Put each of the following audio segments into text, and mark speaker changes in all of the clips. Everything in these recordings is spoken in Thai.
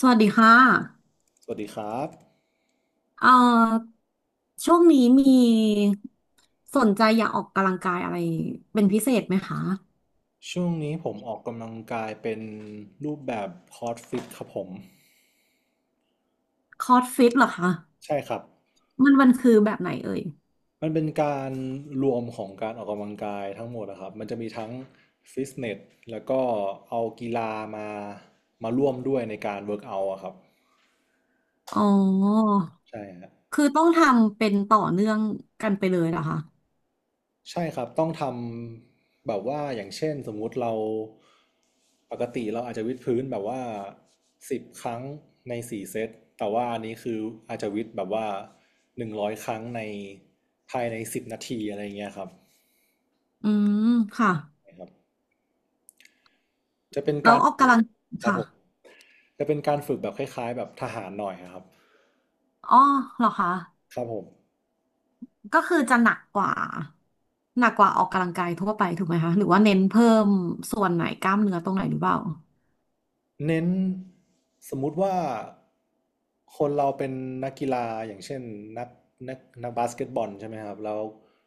Speaker 1: สวัสดีค่ะ
Speaker 2: สวัสดีครับ
Speaker 1: เอ่อช่วงนี้มีสนใจอยากออกกำลังกายอะไรเป็นพิเศษไหมคะ
Speaker 2: ช่วงนี้ผมออกกำลังกายเป็นรูปแบบคอร์สฟิตครับผม
Speaker 1: คอร์สฟิตเหรอคะ
Speaker 2: ใช่ครับ
Speaker 1: มันคือแบบไหนเอ่ย
Speaker 2: มันเป็นการรวมของการออกกำลังกายทั้งหมดนะครับมันจะมีทั้งฟิตเนสแล้วก็เอากีฬามามาร่วมด้วยในการเวิร์กเอาท์อะครับ
Speaker 1: อ๋อ
Speaker 2: ใช่ฮะ
Speaker 1: คือต้องทำเป็นต่อเนื่องกันไปเลยเหรอคะ
Speaker 2: ใช่ครับต้องทำแบบว่าอย่างเช่นสมมุติเราปกติเราอาจจะวิดพื้นแบบว่า10 ครั้งใน4 เซตแต่ว่าอันนี้คืออาจจะวิดแบบว่า100 ครั้งในภายใน10 นาทีอะไรเงี้ยครับ
Speaker 1: อืม ค่ะ
Speaker 2: นะครับจะเป็น
Speaker 1: แล้ว
Speaker 2: การ
Speaker 1: ออก
Speaker 2: ฝึ
Speaker 1: กำ
Speaker 2: ก
Speaker 1: ลัง
Speaker 2: ครับ
Speaker 1: ค่ะ
Speaker 2: ผมจะเป็นการฝึกแบบคล้ายๆแบบทหารหน่อยครับ
Speaker 1: อ๋อเหรอคะ
Speaker 2: ครับผม
Speaker 1: ก็คือจะหนักกว่าออกกำลังกายทั่วไปถูกไหมคะหรือว่าเน้นเพิ่มส่วนไหนกล้ามเนื้อตรงไหนหรือเปล่า
Speaker 2: เน้นสมมุติว่าคนเราเป็นนักกีฬาอย่างเช่นนักนักนักบาสเกตบอลใช่ไหมครับแล้ว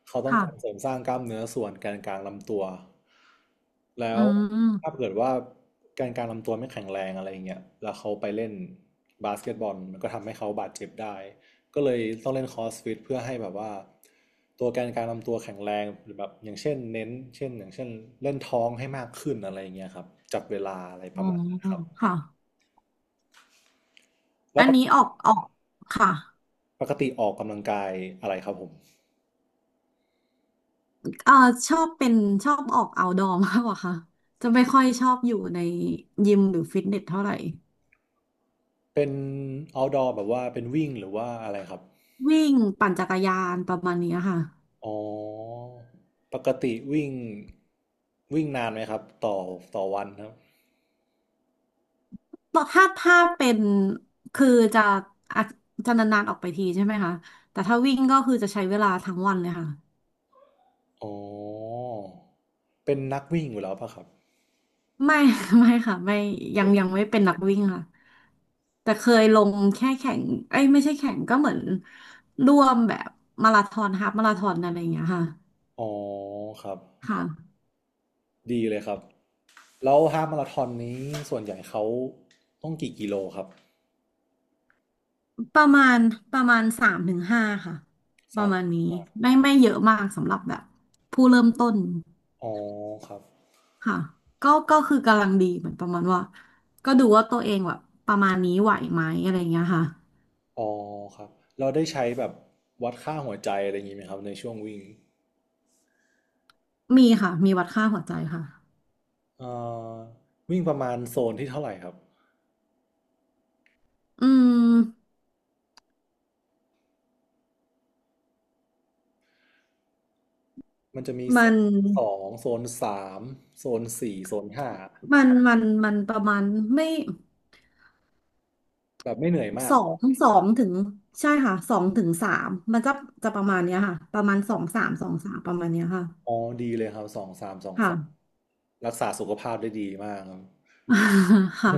Speaker 2: เขาต้อง
Speaker 1: ค่ะ
Speaker 2: การเสริมสร้างกล้ามเนื้อส่วนแกนกลางลำตัวแล้
Speaker 1: อื
Speaker 2: ว
Speaker 1: ม
Speaker 2: ถ้าเกิดว่าแกนกลางลำตัวไม่แข็งแรงอะไรอย่างเงี้ยแล้วเขาไปเล่นบาสเกตบอลมันก็ทำให้เขาบาดเจ็บได้ก็เลยต้องเล่นคอร์สฟิตเพื่อให้แบบว่าตัวแกนกลางลำตัวแข็งแรงหรือแบบอย่างเช่นเน้นเช่นอย่างเช่นเล่นท้องให้มากขึ้นอะไรอย่างเงี้ยครับจับเวลาอะไร
Speaker 1: อ๋
Speaker 2: ป
Speaker 1: อ
Speaker 2: ระมาณ
Speaker 1: ค่ะ
Speaker 2: แล้
Speaker 1: อั
Speaker 2: ว
Speaker 1: น
Speaker 2: ป
Speaker 1: นี้ออ
Speaker 2: ก
Speaker 1: กออกค่ะ
Speaker 2: ปกติออกกำลังกายอะไรครับผม
Speaker 1: เอ่อชอบเป็นชอบออก outdoor มากกว่าค่ะจะไม่ค่อยชอบอยู่ในยิมหรือฟิตเนสเท่าไหร่
Speaker 2: เป็น outdoor แบบว่าเป็นวิ่งหรือว่าอะไรครับ
Speaker 1: วิ่งปั่นจักรยานประมาณเนี้ยค่ะ
Speaker 2: อ๋อปกติวิ่งวิ่งนานไหมครับต่อวันครับ
Speaker 1: แต่ถ้าเป็นคือจะอาะจะนานๆออกไปทีใช่ไหมคะแต่ถ้าวิ่งก็คือจะใช้เวลาทั้งวันเลยค่ะ
Speaker 2: อ๋อเป็นนักวิ่งอยู่แล้วป่ะครับ
Speaker 1: ไม่ ไม่ค่ะไม่ยั
Speaker 2: เป็
Speaker 1: ง
Speaker 2: น
Speaker 1: ยังไม่เป็นนักวิ่งค่ะแต่เคยลงแค่แข่งเอ้ยไม่ใช่แข่งก็เหมือนร่วมแบบมาราธอนฮาล์ฟมาราธอนอะไรอย่างเงี้ยค่ะ
Speaker 2: อ๋อครับ
Speaker 1: ค่ะ
Speaker 2: ดีเลยครับแล้วฮาล์ฟมาราธอนนี้ส่วนใหญ่เขาต้องกี่กิโลครับ
Speaker 1: ประมาณประมาณ3 ถึง 5ค่ะประมาณนี้ไม่เยอะมากสำหรับแบบผู้เริ่มต้น
Speaker 2: อ๋อครับ
Speaker 1: ค่ะก็คือกำลังดีเหมือนประมาณว่าก็ดูว่าตัวเองแบบประมาณนี้ไหวไหมอะไรอย่างเงี้ยค่ะ
Speaker 2: อ๋อครับ เราได้ใช้แบบวัดค่าหัวใจอะไรอย่างนี้ไหมครับในช่วงวิ่ง
Speaker 1: มีค่ะมีวัดค่าหัวใจค่ะ
Speaker 2: เอ่อวิ่งประมาณโซนที่เท่าไหร่ครับ
Speaker 1: อืม
Speaker 2: มันจะมี
Speaker 1: มั
Speaker 2: โซ
Speaker 1: น
Speaker 2: นสองโซน 3โซน 4โซน 5
Speaker 1: มันประมาณไม่
Speaker 2: แบบไม่เหนื่อยมา
Speaker 1: ส
Speaker 2: ก
Speaker 1: องสองถึงใช่ค่ะสองถึงสามมันจะจะประมาณเนี้ยค่ะประมาณสองสามสองสามประมาณเนี้ยค่ะ
Speaker 2: อ๋อดีเลยครับสองสามสอง
Speaker 1: ค่ะ
Speaker 2: สามรักษาสุขภาพได้ดีมาก ครับ
Speaker 1: ค่ะ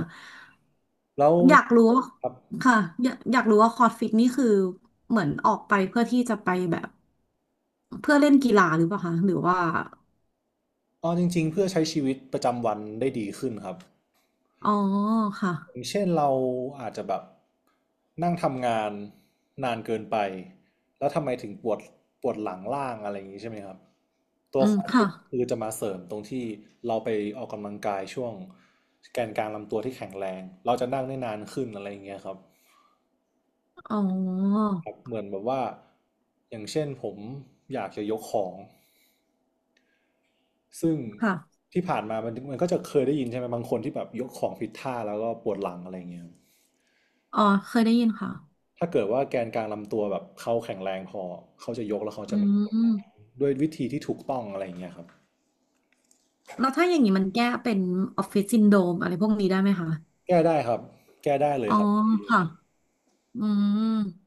Speaker 2: แล้ว
Speaker 1: อยากรู้ว่า
Speaker 2: ครับ
Speaker 1: ค่ะอยากรู้ว่าคอร์สฟิตนี่คือเหมือนออกไปเพื่อที่จะไปแบบเพื่อเล่นกีฬาหรือเปล่าคะหรือว่า
Speaker 2: อ๋อจริงๆเพื่อใช้ชีวิตประจำวันได้ดีขึ้นครับ
Speaker 1: อ๋อค่ะ
Speaker 2: อย่างเช่นเราอาจจะแบบนั่งทำงานนานเกินไปแล้วทำไมถึงปวดปวดหลังล่างอะไรอย่างนี้ใช่ไหมครับตั
Speaker 1: อื
Speaker 2: วค
Speaker 1: ม
Speaker 2: อร์ฟิ
Speaker 1: ค่ะ
Speaker 2: ตคือจะมาเสริมตรงที่เราไปออกกำลังกายช่วงแกนกลางลำตัวที่แข็งแรงเราจะนั่งได้นานขึ้นอะไรอย่างเงี้ยครับ
Speaker 1: อ๋อ
Speaker 2: ครับเหมือนแบบว่าอย่างเช่นผมอยากจะยกของซึ่ง
Speaker 1: ค่ะ
Speaker 2: ที่ผ่านมามันก็จะเคยได้ยินใช่ไหมบางคนที่แบบยกของผิดท่าแล้วก็ปวดหลังอะไรอย่างเงี้ย
Speaker 1: อ๋อเคยได้ยินค่ะ
Speaker 2: ถ้าเกิดว่าแกนกลางลำตัวแบบเขาแข็งแรงพอเขาจะยกแล้วเขา
Speaker 1: อื
Speaker 2: จะไม่
Speaker 1: ม
Speaker 2: ด้วยวิธีที่ถูกต้องอะไรอย่างเงี้ยครับ
Speaker 1: แล้วถ้าอย่างนี้มันแก้เป็นออฟฟิศซินโดรมอะไรพวกนี้ได้ไหมคะ
Speaker 2: แก้ได้ครับแก้ได้เลย
Speaker 1: อ๋อ
Speaker 2: ครับ
Speaker 1: ค่ะอืม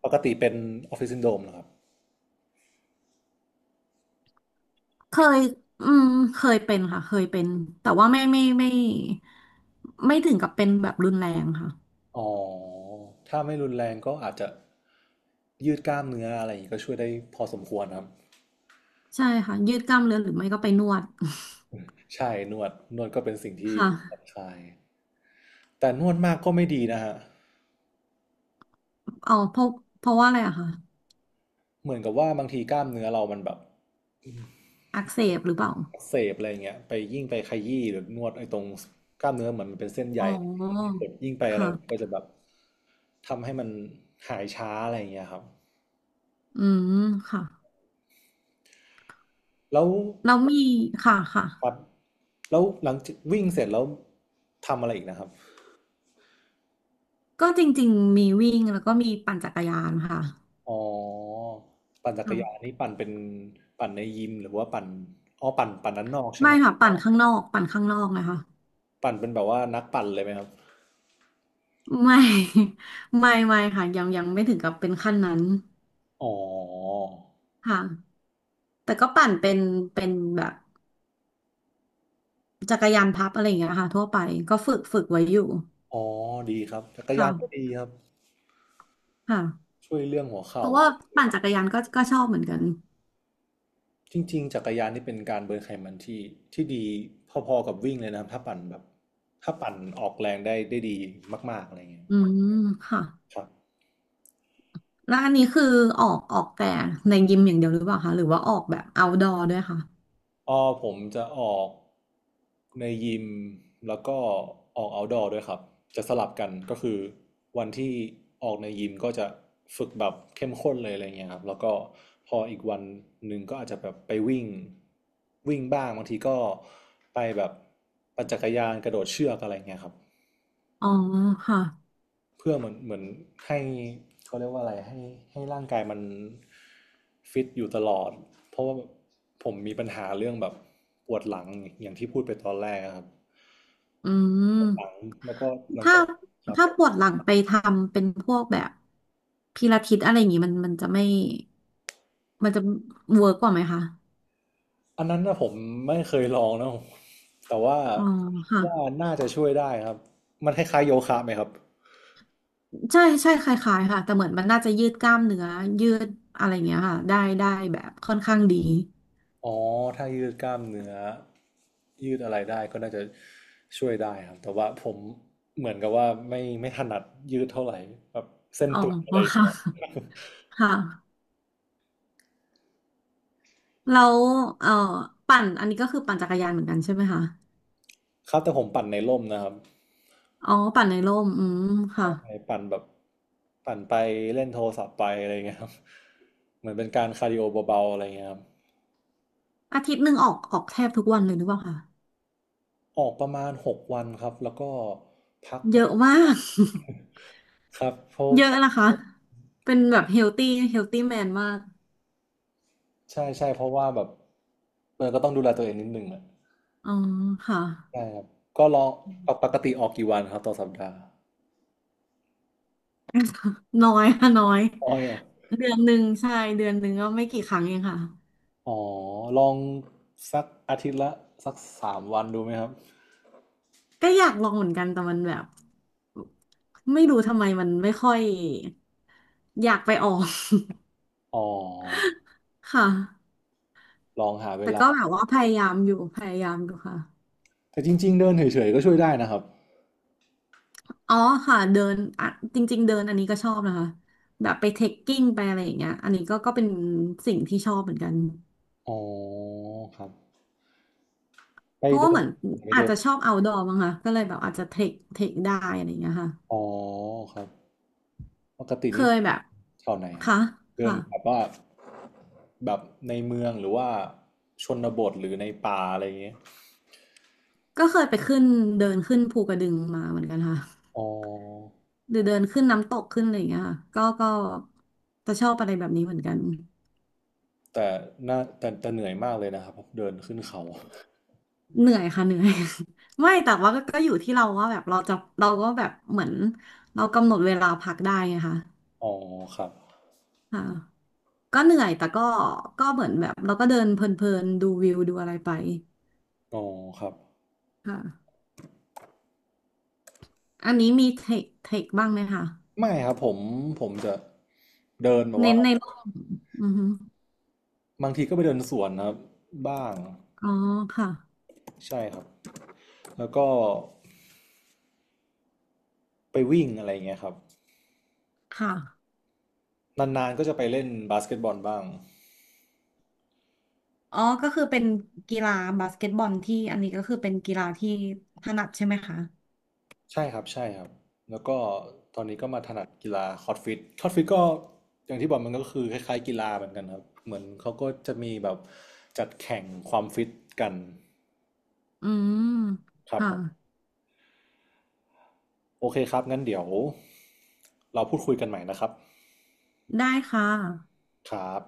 Speaker 2: ปกติเป็นออฟฟิศซินโดรมนะครับ
Speaker 1: เคยอืมเคยเป็นค่ะเคยเป็นแต่ว่าไม่ถึงกับเป็นแบบรุนแรงค่ะ
Speaker 2: อ๋อถ้าไม่รุนแรงก็อาจจะยืดกล้ามเนื้ออะไรอย่างงี้ก็ช่วยได้พอสมควรครับ
Speaker 1: ใช่ค่ะยืดกล้ามเนื้อหรือไม่ก็ไปนวด
Speaker 2: ใช่นวดนวดก็เป็นสิ่งที่
Speaker 1: ค่ะ
Speaker 2: ผ่อนคลายแต่นวดมากก็ไม่ดีนะฮะ
Speaker 1: อ๋อเพราะว่าอะไรอะคะ
Speaker 2: เหมือนกับว่าบางทีกล้ามเนื้อเรามันแบบ
Speaker 1: อักเสบหรือเปล่า
Speaker 2: อักเสบอะไรอย่างเงี้ยไปยิ่งไปขยี้หรือนวดไอ้ตรงกล้ามเนื้อเหมือนมันเป็นเส้นใย
Speaker 1: อ๋อ
Speaker 2: ยิ่งไปอะไรก็
Speaker 1: ค่ะ
Speaker 2: จะแบบ ทำให้มันหายช้าอะไรอย่างเงี้ยครับ
Speaker 1: อืมค่ะ
Speaker 2: แล้ว
Speaker 1: แล้วมีค่ะค่ะ
Speaker 2: ปัดแล้วหลังจากวิ่งเสร็จแล้วทำอะไรอีกนะครับ
Speaker 1: ก็จริงๆมีวิ่งแล้วก็มีปั่นจักรยานค่ะ
Speaker 2: อ๋อปั่นจัก
Speaker 1: ค่
Speaker 2: รยาน
Speaker 1: ะ
Speaker 2: นี่ปั่นเป็นปั่นในยิมหรือว่าปั่นอ๋อปั่นปั่นด้านนอกใช่ไห
Speaker 1: ไม่
Speaker 2: ม
Speaker 1: ค่ะปั่นข้างนอกปั่นข้างนอกนะคะ
Speaker 2: ปั่นเป็นแบบว่านักปั่นเลยไหมครับ
Speaker 1: ไม่ ไม่ค่ะยังไม่ถึงกับเป็นขั้นนั้น
Speaker 2: อ๋อ
Speaker 1: ค่ะแต่ก็ปั่นเป็นเป็นแบบจักรยานพับอะไรอย่างเงี้ยค่ะทั่วไปก็ฝึกไว้อยู่
Speaker 2: อ๋อดีครับจักร
Speaker 1: ค
Speaker 2: ยานก็ดี
Speaker 1: ่ะ
Speaker 2: ครับ
Speaker 1: ค่ะ
Speaker 2: ช่วยเรื่องหัว
Speaker 1: เพ
Speaker 2: เข่า
Speaker 1: ราะว่าปั่นจักรยานก็ชอบเหมือนกัน
Speaker 2: จริงๆจักรยานนี่เป็นการเบิร์นไขมันที่ดีพอๆกับวิ่งเลยนะครับถ้าปั่นแบบถ้าปั่นออกแรงได้ดีมากๆอะไรเงี้ย
Speaker 1: อืมค่ะ
Speaker 2: ครับ
Speaker 1: แล้วอันนี้คือออกแต่ในยิมอย่างเดียวหรือเปล่าคะหรือว่าออกแบบ outdoor ด้วยค่ะ
Speaker 2: อ๋อผมจะออกในยิมแล้วก็ออกอาท์ดอร์ด้วยครับจะสลับกันก็คือวันที่ออกในยิมก็จะฝึกแบบเข้มข้นเลยอะไรเงี้ยครับแล้วก็พออีกวันหนึ่งก็อาจจะแบบไปวิ่งวิ่งบ้างบางทีก็ไปแบบปั่นจักรยานกระโดดเชือกอะไรเงี้ยครับ
Speaker 1: อ๋อค่ะ
Speaker 2: เพื่อเหมือนให้เขาเรียกว่าอะไรให้ร่างกายมันฟิตอยู่ตลอดเพราะว่าผมมีปัญหาเรื่องแบบปวดหลังอย่างที่พูดไปตอนแรกอะครับ
Speaker 1: อืม
Speaker 2: หลังแล้วก็หลัง
Speaker 1: ถ้า
Speaker 2: จากครับ
Speaker 1: ถ้าปวดหลังไปทำเป็นพวกแบบพิลาทิสอะไรอย่างงี้มันจะไม่มันจะเวิร์กกว่าไหมคะ
Speaker 2: อันนั้นนะผมไม่เคยลองนะแต่ว่า
Speaker 1: อ๋อค่ะ
Speaker 2: ว่าน่าจะช่วยได้ครับมันคล้ายๆโยคะไหมครับ
Speaker 1: ใช่ใช่คล้ายๆค่ะแต่เหมือนมันน่าจะยืดกล้ามเนื้อยืดอะไรอย่างเงี้ยค่ะได้ได้แบบค่อนข้างดี
Speaker 2: อ๋อถ้ายืดกล้ามเนื้อยืดอะไรได้ก็น่าจะช่วยได้ครับแต่ว่าผมเหมือนกับว่าไม่ถนัดยืดเท่าไหร่แบบเส้น
Speaker 1: อ๋อ
Speaker 2: ตึงอะไรอย่าง
Speaker 1: ค่ะ
Speaker 2: เงี้ย
Speaker 1: ค่ะแล้วเอ่อปั่นอันนี้ก็คือปั่นจักรยานเหมือนกันใช่ไหมคะ
Speaker 2: ครับแต่ผมปั่นในร่มนะครับ
Speaker 1: อ๋อปั่นในร่มอืมค่ะ
Speaker 2: ใช่ปั่นแบบปั่นไปเล่นโทรศัพท์ไปอะไรอย่างเงี้ยครับเหมือนเป็นการคาร์ดิโอเบาๆอะไรอย่างเงี้ยครับ
Speaker 1: อาทิตย์หนึ่งออกแทบทุกวันเลยหรือเปล่าคะ
Speaker 2: ออกประมาณ6 วันครับแล้วก็พัก
Speaker 1: เยอะมาก
Speaker 2: ครับเพราะ
Speaker 1: เยอะนะคะเป็นแบบเฮลตี้เฮลตี้แมนมาก
Speaker 2: ใช่ใช่เพราะว่าแบบเออก็ต้องดูแลตัวเองนิดนึงอ่ะ
Speaker 1: อ๋อค่ะ
Speaker 2: ใช่ครับก็ลองปกติออกกี่วันครับต่อสัปดาห์
Speaker 1: น้อยค่ะน้อย
Speaker 2: ออยเหรอ
Speaker 1: เดือนหนึ่งใช่เดือนหนึ่งก็ไม่กี่ครั้งเองค่ะ
Speaker 2: อ๋อลองสักอาทิตย์ละสัก3 วันดูไหมครับ
Speaker 1: อยากลองเหมือนกันแต่มันแบบไม่รู้ทำไมมันไม่ค่อยอยากไปออก
Speaker 2: อ๋อ
Speaker 1: ค่ะ
Speaker 2: ลองหาเว
Speaker 1: แต่
Speaker 2: ลา
Speaker 1: ก็แบบว่าพยายามอยู่พยายามอยู่ค่ะ
Speaker 2: แต่จริงๆเดินเฉยๆก็ช่วยได้นะครับ
Speaker 1: อ๋อค่ะเดินอ่ะจริงๆเดินอันนี้ก็ชอบนะคะแบบไปเทคกิ้งไปอะไรอย่างเงี้ยอันนี้ก็เป็นสิ่งที่ชอบเหมือนกัน
Speaker 2: อ๋อครับไป
Speaker 1: เพราะว่า
Speaker 2: เดิ
Speaker 1: เห
Speaker 2: น
Speaker 1: มือน
Speaker 2: ไป
Speaker 1: อาจ
Speaker 2: เดิน
Speaker 1: จะชอบ outdoor มั้งคะก็เลยแบบอาจจะเทคเทคได้อะไรอย่างเงี้ยค่ะ
Speaker 2: อ๋อครับปกติ
Speaker 1: เค
Speaker 2: นี้
Speaker 1: ยแบบ
Speaker 2: แถวไหนครับ
Speaker 1: ค่ะ
Speaker 2: เดิน
Speaker 1: ค่ะ
Speaker 2: แบบว่าแบบในเมืองหรือว่าชนบทหรือในป่าอะไรอย่างเงี้ย
Speaker 1: ก็เคยไปขึ้นเดินขึ้นภูกระดึงมาเหมือนกันค่ะ
Speaker 2: อ๋อ
Speaker 1: หรือเดินขึ้นน้ำตกขึ้นอะไรอย่างเงี้ยค่ะก็จะชอบอะไรแบบนี้เหมือนกัน
Speaker 2: แต่น่าแต่เหนื่อยมากเลยนะครับเดินขึ้นเขา
Speaker 1: เหนื่อยค่ะเหนื่อย ไม่แต่ว่าก็อยู่ที่เราว่าแบบเราจะเราก็แบบเหมือนเรากำหนดเวลาพักได้ไงคะ
Speaker 2: อ๋อครับ
Speaker 1: ค่ะก็เหนื่อยแต่ก็เหมือนแบบเราก็เดินเพลินๆดูวิวดูอะไรไป
Speaker 2: อ๋อครับ
Speaker 1: ค่ะ อันนี้มีเทคเทคบ้างไหมคะ
Speaker 2: ไม่ครับผมผมจะเดินแบบ
Speaker 1: เน้
Speaker 2: ว่า
Speaker 1: นในโลกอือฮึ
Speaker 2: บางทีก็ไปเดินสวนนะครับบ้าง
Speaker 1: อ๋อค่ะ
Speaker 2: ใช่ครับแล้วก็ไปวิ่งอะไรอย่างเงี้ยครับ
Speaker 1: ค่ะ
Speaker 2: นานๆก็จะไปเล่นบาสเกตบอลบ้าง
Speaker 1: อ๋อก็คือเป็นกีฬาบาสเกตบอลที่อันนี้ก็คือเป็นกีฬาที่ถนัดใช่ไหมคะ
Speaker 2: ใช่ครับใช่ครับแล้วก็ตอนนี้ก็มาถนัดกีฬาคอร์ดฟิตคอร์ดฟิตก็อย่างที่บอกมันก็คือคล้ายๆกีฬาเหมือนกันครับเหมือนเขาก็จะมีแบบจัดแข่งความฟิตกัน
Speaker 1: อืม
Speaker 2: ครับ
Speaker 1: ค่ะ
Speaker 2: ผมโอเคครับงั้นเดี๋ยวเราพูดคุยกันใหม่นะครับ
Speaker 1: ได้ค่ะ
Speaker 2: ครับ